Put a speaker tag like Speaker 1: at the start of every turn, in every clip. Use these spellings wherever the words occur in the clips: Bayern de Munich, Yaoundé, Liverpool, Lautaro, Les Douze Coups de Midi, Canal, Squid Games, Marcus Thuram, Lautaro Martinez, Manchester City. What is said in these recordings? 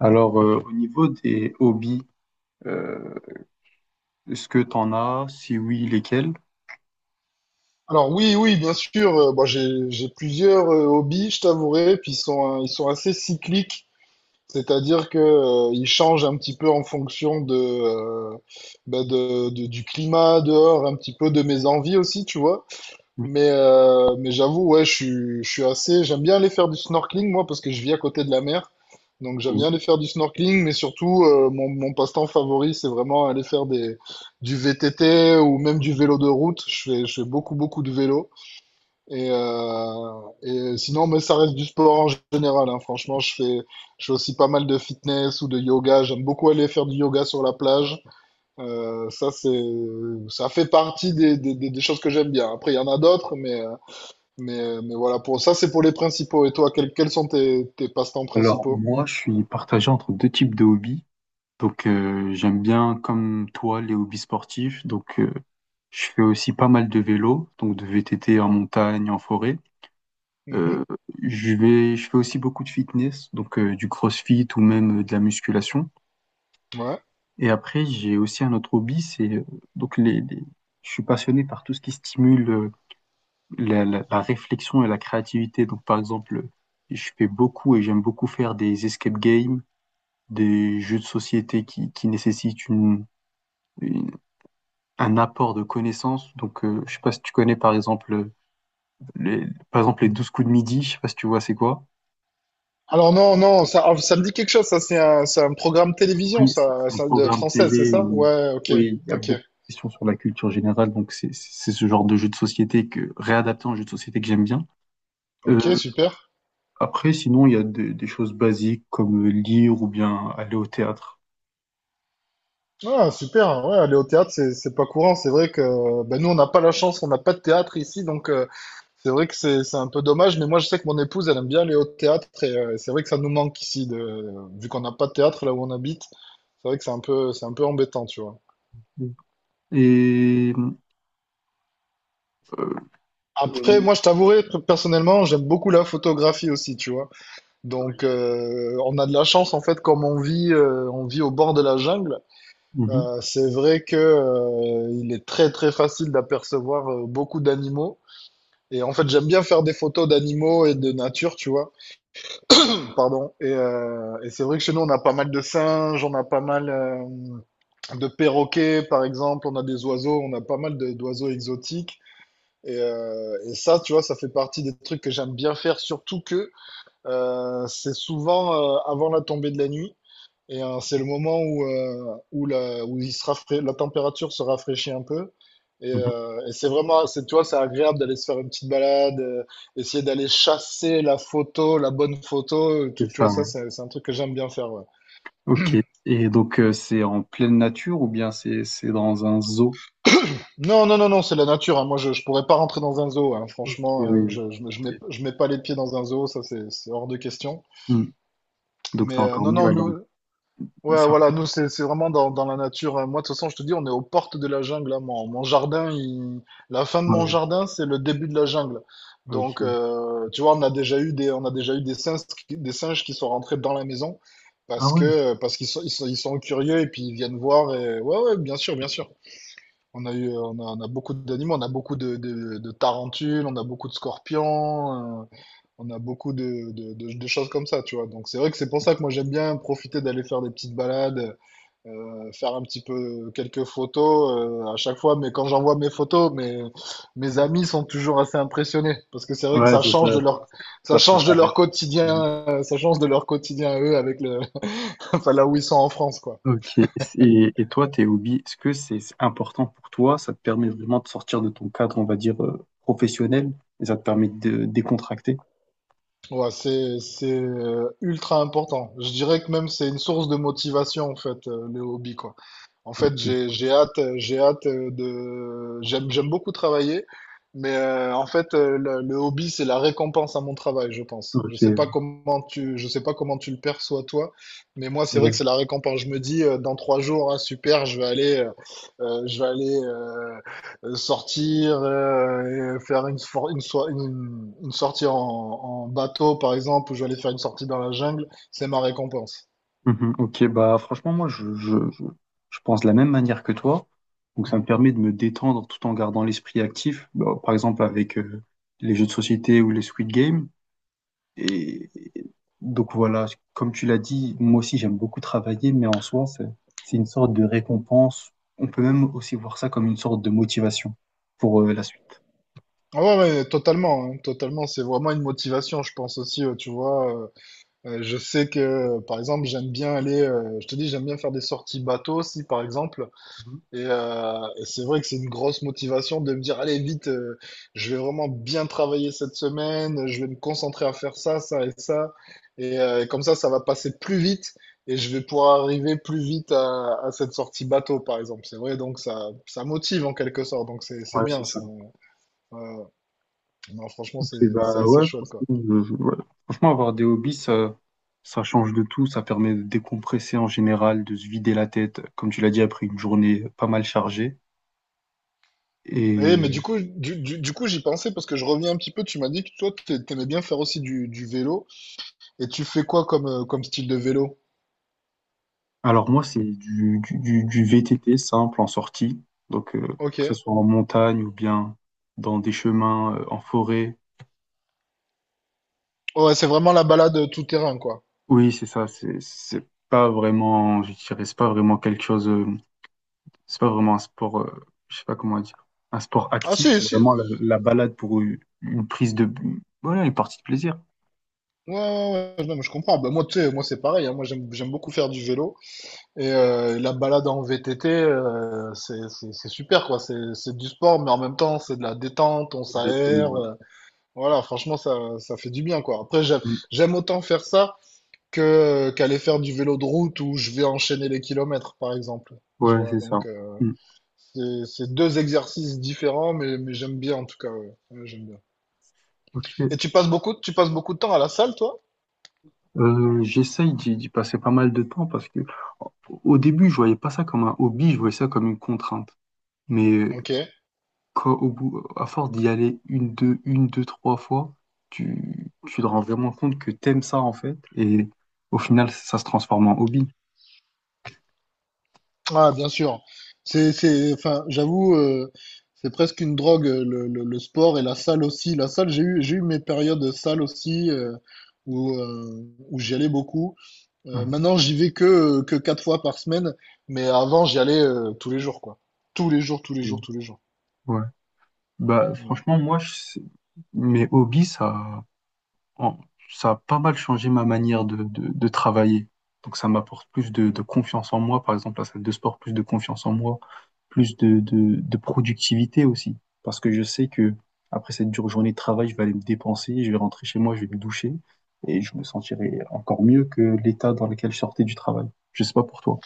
Speaker 1: Alors, au niveau des hobbies, euh, est-ce que tu en as? Si oui, lesquels?
Speaker 2: Alors oui, oui, bien sûr. Bon, j'ai plusieurs hobbies, je t'avouerai, puis ils sont assez cycliques, c'est-à-dire que ils changent un petit peu en fonction bah, du climat dehors, un petit peu de mes envies aussi, tu vois.
Speaker 1: Oui,
Speaker 2: Mais j'avoue, ouais, je suis assez. J'aime bien aller faire du snorkeling moi parce que je vis à côté de la mer, donc j'aime
Speaker 1: oui,
Speaker 2: bien aller faire du snorkeling. Mais surtout, mon passe-temps favori, c'est vraiment aller faire des du VTT ou même du vélo de route. Je fais beaucoup beaucoup de vélo. Et sinon, mais ça reste du sport en général, hein. Franchement, je fais aussi pas mal de fitness ou de yoga. J'aime beaucoup aller faire du yoga sur la plage. Euh, ça, c'est, Ça fait partie des choses que j'aime bien. Après, il y en a d'autres, mais voilà, pour ça, c'est pour les principaux. Et toi, quels sont tes passe-temps
Speaker 1: alors,
Speaker 2: principaux?
Speaker 1: moi, je suis partagé entre deux types de hobbies. Donc, j'aime bien, comme toi, les hobbies sportifs. Donc, je fais aussi pas mal de vélo, donc de VTT en montagne, en forêt.
Speaker 2: Mhm.
Speaker 1: Euh, je fais aussi beaucoup de fitness, donc du crossfit ou même de la musculation.
Speaker 2: Ouais.
Speaker 1: Et après, j'ai aussi un autre hobby, c'est donc les, les- je suis passionné par tout ce qui stimule. La réflexion et la créativité. Donc, par exemple, je fais beaucoup et j'aime beaucoup faire des escape games, des jeux de société qui nécessitent une- un apport de connaissances. Donc, je sais pas si tu connais, par exemple, les, par exemple, les 12 coups de midi. Je sais pas si tu vois, c'est quoi?
Speaker 2: Alors non, non, ah, ça me dit quelque chose. Ça, c'est un programme télévision,
Speaker 1: Oui, c'est un
Speaker 2: ça de
Speaker 1: programme
Speaker 2: française, c'est
Speaker 1: télé
Speaker 2: ça?
Speaker 1: où
Speaker 2: Ouais, ok,
Speaker 1: oui, il y a
Speaker 2: ok,
Speaker 1: beaucoup de questions sur la culture générale, donc c'est ce genre de jeu de société que réadapté en jeu de société que j'aime bien.
Speaker 2: ok,
Speaker 1: Euh,
Speaker 2: super.
Speaker 1: Après, sinon, il y a des choses basiques comme lire ou bien aller au théâtre.
Speaker 2: Ah, super, ouais, aller au théâtre, c'est pas courant. C'est vrai que bah, nous, on n'a pas la chance, on n'a pas de théâtre ici, donc c'est vrai que c'est un peu dommage. Mais moi, je sais que mon épouse, elle aime bien aller au théâtre, et c'est vrai que ça nous manque ici, vu qu'on n'a pas de théâtre là où on habite. C'est vrai que c'est un peu embêtant, tu vois.
Speaker 1: Et euh,
Speaker 2: Après,
Speaker 1: oui,
Speaker 2: moi, je t'avouerai, personnellement, j'aime beaucoup la photographie aussi, tu vois. Donc, on a de la chance, en fait, comme on vit au bord de la jungle.
Speaker 1: mhm,
Speaker 2: C'est vrai que, il est très, très facile d'apercevoir beaucoup d'animaux. Et en fait, j'aime bien faire des photos d'animaux et de nature, tu vois. Pardon. Et c'est vrai que chez nous, on a pas mal de singes, on a pas mal de perroquets, par exemple, on a des oiseaux, on a pas mal d'oiseaux exotiques. Et ça, tu vois, ça fait partie des trucs que j'aime bien faire, surtout que c'est souvent avant la tombée de la nuit. C'est le moment où la température se rafraîchit un peu. Et,
Speaker 1: mhm,
Speaker 2: euh, et tu vois, c'est agréable d'aller se faire une petite balade, essayer d'aller chasser la photo, la bonne photo, tout,
Speaker 1: c'est
Speaker 2: tu
Speaker 1: ça,
Speaker 2: vois, ça,
Speaker 1: ouais.
Speaker 2: c'est un truc que j'aime bien faire, ouais.
Speaker 1: Ok. Et donc, c'est en pleine nature ou bien c'est dans un zoo?
Speaker 2: Non, non, non, non, c'est la nature, hein. Moi, je pourrais pas rentrer dans un zoo, hein.
Speaker 1: Ok, oui,
Speaker 2: Franchement,
Speaker 1: oui.
Speaker 2: je, je, je mets,
Speaker 1: Ok.
Speaker 2: je mets pas les pieds dans un zoo, ça, c'est hors de question.
Speaker 1: Hmm. Donc, c'est encore
Speaker 2: Non,
Speaker 1: mieux.
Speaker 2: non.
Speaker 1: Alors,
Speaker 2: Ouais, voilà,
Speaker 1: c'est-
Speaker 2: nous, c'est vraiment dans la nature. Moi, de toute façon, je te dis, on est aux portes de la jungle, là. La fin de mon
Speaker 1: ouais,
Speaker 2: jardin, c'est le début de la jungle. Donc,
Speaker 1: ok.
Speaker 2: tu vois, on a déjà eu des singes, qui sont rentrés dans la maison
Speaker 1: Ah
Speaker 2: parce que,
Speaker 1: ouais.
Speaker 2: euh, parce qu'ils sont, ils sont, ils sont curieux et puis ils viennent voir. Ouais, ouais, bien sûr, bien sûr. On a beaucoup d'animaux, on a beaucoup de tarentules, on a beaucoup de scorpions, on a beaucoup de choses comme ça, tu vois. Donc, c'est vrai que c'est pour ça que moi, j'aime bien profiter d'aller faire des petites balades faire un petit peu quelques photos à chaque fois, mais quand j'envoie mes photos, mes amis sont toujours assez impressionnés parce que c'est vrai que
Speaker 1: Ouais, c'est ça, ça, ça peut paraître impressionnant.
Speaker 2: ça change de leur quotidien à eux avec le enfin là où ils sont en France quoi.
Speaker 1: Ok. Et toi, tes hobbies, est-ce que c'est important pour toi? Ça te permet vraiment de sortir de ton cadre, on va dire, professionnel, et ça te permet de décontracter?
Speaker 2: Ouais, c'est ultra important. Je dirais que même c'est une source de motivation en fait le hobby quoi. En fait,
Speaker 1: Ok.
Speaker 2: j'ai hâte, j'ai hâte de. J'aime beaucoup travailler, mais en fait, le hobby, c'est la récompense à mon travail, je pense.
Speaker 1: Ok, oui.
Speaker 2: Je sais pas comment tu le perçois toi, mais moi, c'est vrai
Speaker 1: Voilà.
Speaker 2: que c'est la récompense. Je me dis, dans trois jours, ah, super, je vais aller sortir, et faire une, for- une, soi- une sortie en bateau, par exemple, ou je vais aller faire une sortie dans la jungle. C'est ma récompense.
Speaker 1: Mhm, ok, bah franchement, moi, je pense de la même manière que toi. Donc, ça me permet de me détendre tout en gardant l'esprit actif. Bah, par exemple, avec les jeux de société ou les Squid Games. Et et donc voilà, comme tu l'as dit, moi aussi j'aime beaucoup travailler, mais en soi, c'est une sorte de récompense. On peut même aussi voir ça comme une sorte de motivation pour la suite.
Speaker 2: Ah ouais, ouais, totalement, hein, totalement. C'est vraiment une motivation, je pense aussi, tu vois. Je sais par exemple, je te dis, j'aime bien faire des sorties bateau aussi, par exemple.
Speaker 1: Mhm.
Speaker 2: Et c'est vrai que c'est une grosse motivation de me dire, allez, vite, je vais vraiment bien travailler cette semaine, je vais me concentrer à faire ça, ça et ça. Comme ça va passer plus vite et je vais pouvoir arriver plus vite à cette sortie bateau, par exemple. C'est vrai, donc ça motive en quelque sorte. Donc c'est
Speaker 1: Ouais, c'est
Speaker 2: bien,
Speaker 1: ça.
Speaker 2: ça. Ouais, ouais. Non, franchement,
Speaker 1: Ok,
Speaker 2: c'est
Speaker 1: bah ouais,
Speaker 2: assez chouette, quoi.
Speaker 1: franchement, je- ouais. Franchement, avoir des hobbies, ça change de tout, ça permet de décompresser en général, de se vider la tête, comme tu l'as dit, après une journée pas mal chargée.
Speaker 2: Eh, mais du coup, j'y pensais parce que je reviens un petit peu. Tu m'as dit que toi, t'aimais bien faire aussi du vélo. Et tu fais quoi comme style de vélo?
Speaker 1: Alors moi, c'est du VTT simple en sortie, donc
Speaker 2: Ok.
Speaker 1: que ce soit en montagne ou bien dans des chemins en forêt.
Speaker 2: Ouais, c'est vraiment la balade tout terrain, quoi.
Speaker 1: Oui, c'est ça, c'est pas vraiment, je dirais, c'est pas vraiment quelque chose, c'est pas vraiment un sport, je sais pas comment dire, un sport
Speaker 2: Ah,
Speaker 1: actif,
Speaker 2: si,
Speaker 1: c'est
Speaker 2: si.
Speaker 1: vraiment la balade pour une prise de, voilà, une partie de plaisir.
Speaker 2: Ouais, ouais, ouais. Non, mais je comprends. Bah, moi, tu sais, moi, c'est pareil. Hein. Moi, j'aime beaucoup faire du vélo. La balade en VTT, c'est super, quoi. C'est du sport, mais en même temps, c'est de la détente. On s'aère.
Speaker 1: Exactement, ouais.
Speaker 2: Voilà, franchement, ça fait du bien, quoi. Après, j'aime,
Speaker 1: Mm.
Speaker 2: j'aime autant faire ça que qu'aller faire du vélo de route où je vais enchaîner les kilomètres, par exemple. Tu
Speaker 1: Ouais,
Speaker 2: vois,
Speaker 1: c'est ça.
Speaker 2: donc
Speaker 1: Mm.
Speaker 2: c'est deux exercices différents, mais j'aime bien en tout cas. Ouais. Ouais, j'aime bien.
Speaker 1: Ok.
Speaker 2: Et tu passes beaucoup de temps à la salle, toi?
Speaker 1: J'essaye d'y passer pas mal de temps parce que au au début, je voyais pas ça comme un hobby, je voyais ça comme une contrainte. Mais
Speaker 2: Ok.
Speaker 1: quand- au bout, à force d'y aller une, deux, trois fois, tu te rends vraiment compte que t'aimes ça en fait. Et au final, ça se transforme en hobby.
Speaker 2: Ah, bien sûr. Enfin, j'avoue, c'est presque une drogue, le sport et la salle aussi. La salle, j'ai eu mes périodes de salle aussi où, euh, où j'y allais beaucoup.
Speaker 1: Mhm.
Speaker 2: Maintenant, j'y vais que quatre fois par semaine, mais avant, j'y allais tous les jours, quoi. Tous les jours, tous les
Speaker 1: Et,
Speaker 2: jours, tous les jours.
Speaker 1: ouais. Bah,
Speaker 2: Ouais.
Speaker 1: franchement, moi, je- mes hobbies, ça. En- ça a pas mal changé ma manière de, de travailler. Donc ça m'apporte plus de confiance en moi, par exemple la salle de sport, plus de confiance en moi, plus de, de productivité aussi. Parce que je sais que après cette dure journée de travail, je vais aller me dépenser, je vais rentrer chez moi, je vais me doucher et je me sentirai encore mieux que l'état dans lequel je sortais du travail. Je sais pas pour toi.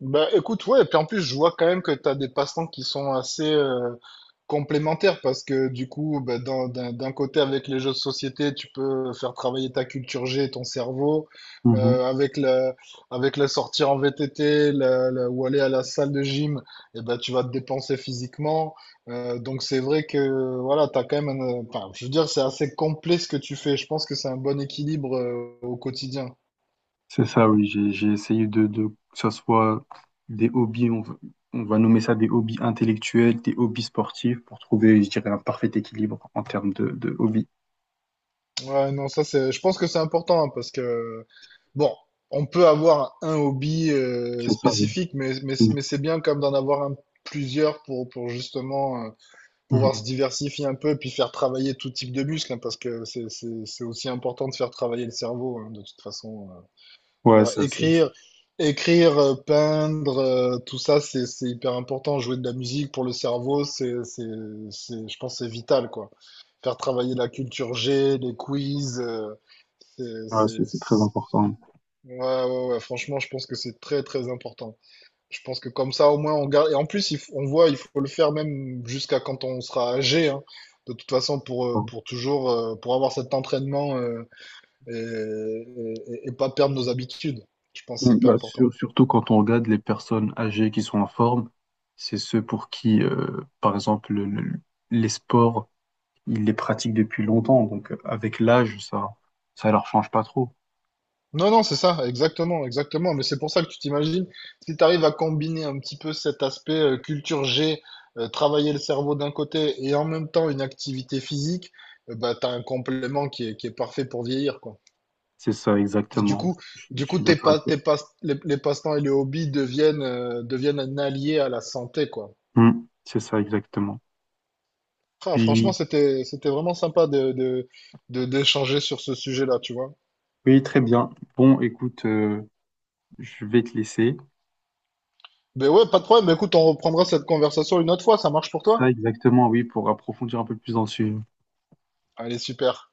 Speaker 2: Bah écoute, ouais, et puis en plus, je vois quand même que tu as des passe-temps qui sont assez complémentaires parce que du coup, bah, d'un côté, avec les jeux de société, tu peux faire travailler ta culture G et ton cerveau. Euh, avec la, avec la sortie en VTT ou aller à la salle de gym, et ben tu vas te dépenser physiquement. Donc c'est vrai que voilà, t'as quand même enfin, je veux dire, c'est assez complet ce que tu fais. Je pense que c'est un bon équilibre au quotidien.
Speaker 1: C'est ça, oui. J'ai essayé de, que ça soit des hobbies, on va nommer ça des hobbies intellectuels, des hobbies sportifs, pour trouver, je dirais, un parfait équilibre en termes de hobbies.
Speaker 2: Ouais, non, ça c'est. Je pense que c'est important hein, parce que bon, on peut avoir un hobby
Speaker 1: C'est ça, oui.
Speaker 2: spécifique, mais mais
Speaker 1: Mhm.
Speaker 2: mais c'est bien comme d'en avoir un, plusieurs pour justement
Speaker 1: Mhm.
Speaker 2: pouvoir se diversifier un peu et puis faire travailler tout type de muscles hein, parce que c'est aussi important de faire travailler le cerveau hein, de toute façon. Tu
Speaker 1: Ouais,
Speaker 2: vois,
Speaker 1: ça, ça, ça.
Speaker 2: écrire, peindre, tout ça, c'est hyper important. Jouer de la musique pour le cerveau, je pense, que c'est vital, quoi. Faire travailler la culture G, les quiz. C'est,
Speaker 1: Ouais, c'est
Speaker 2: c'est-
Speaker 1: très
Speaker 2: c'est-
Speaker 1: important.
Speaker 2: Ouais, ouais, ouais, franchement, je pense que c'est très, très important. Je pense que comme ça, au moins, on garde. Et en plus, on voit, il faut le faire même jusqu'à quand on sera âgé, hein. De toute façon, pour,
Speaker 1: Ouais.
Speaker 2: euh, pour toujours, pour avoir cet entraînement, et, et pas perdre nos habitudes. Je pense que c'est
Speaker 1: Mhm.
Speaker 2: hyper
Speaker 1: Bah,
Speaker 2: important.
Speaker 1: sur- surtout quand on regarde les personnes âgées qui sont en forme, c'est ceux pour qui, par exemple, le- les sports ils les pratiquent depuis longtemps, donc avec l'âge, ça leur change pas trop.
Speaker 2: Non, non, c'est ça, exactement, exactement. Mais c'est pour ça que tu t'imagines, si tu arrives à combiner un petit peu cet aspect culture G, travailler le cerveau d'un côté et en même temps une activité physique, bah, tu as un complément qui est parfait pour vieillir, quoi.
Speaker 1: C'est ça,
Speaker 2: Et
Speaker 1: exactement.
Speaker 2: du
Speaker 1: Je
Speaker 2: coup,
Speaker 1: suis d'accord avec toi.
Speaker 2: tes pas, les passe-temps et les hobbies deviennent un allié à la santé, quoi.
Speaker 1: Hmm, c'est ça, exactement.
Speaker 2: Ah, franchement,
Speaker 1: Puis,
Speaker 2: c'était vraiment sympa d'échanger sur ce sujet-là, tu vois.
Speaker 1: oui, très bien. Bon, écoute, je vais te laisser.
Speaker 2: Ben ouais, pas de problème. Ben écoute, on reprendra cette conversation une autre fois. Ça marche pour toi?
Speaker 1: Ça, exactement, oui, pour approfondir un peu plus dans le sujet.
Speaker 2: Allez, super.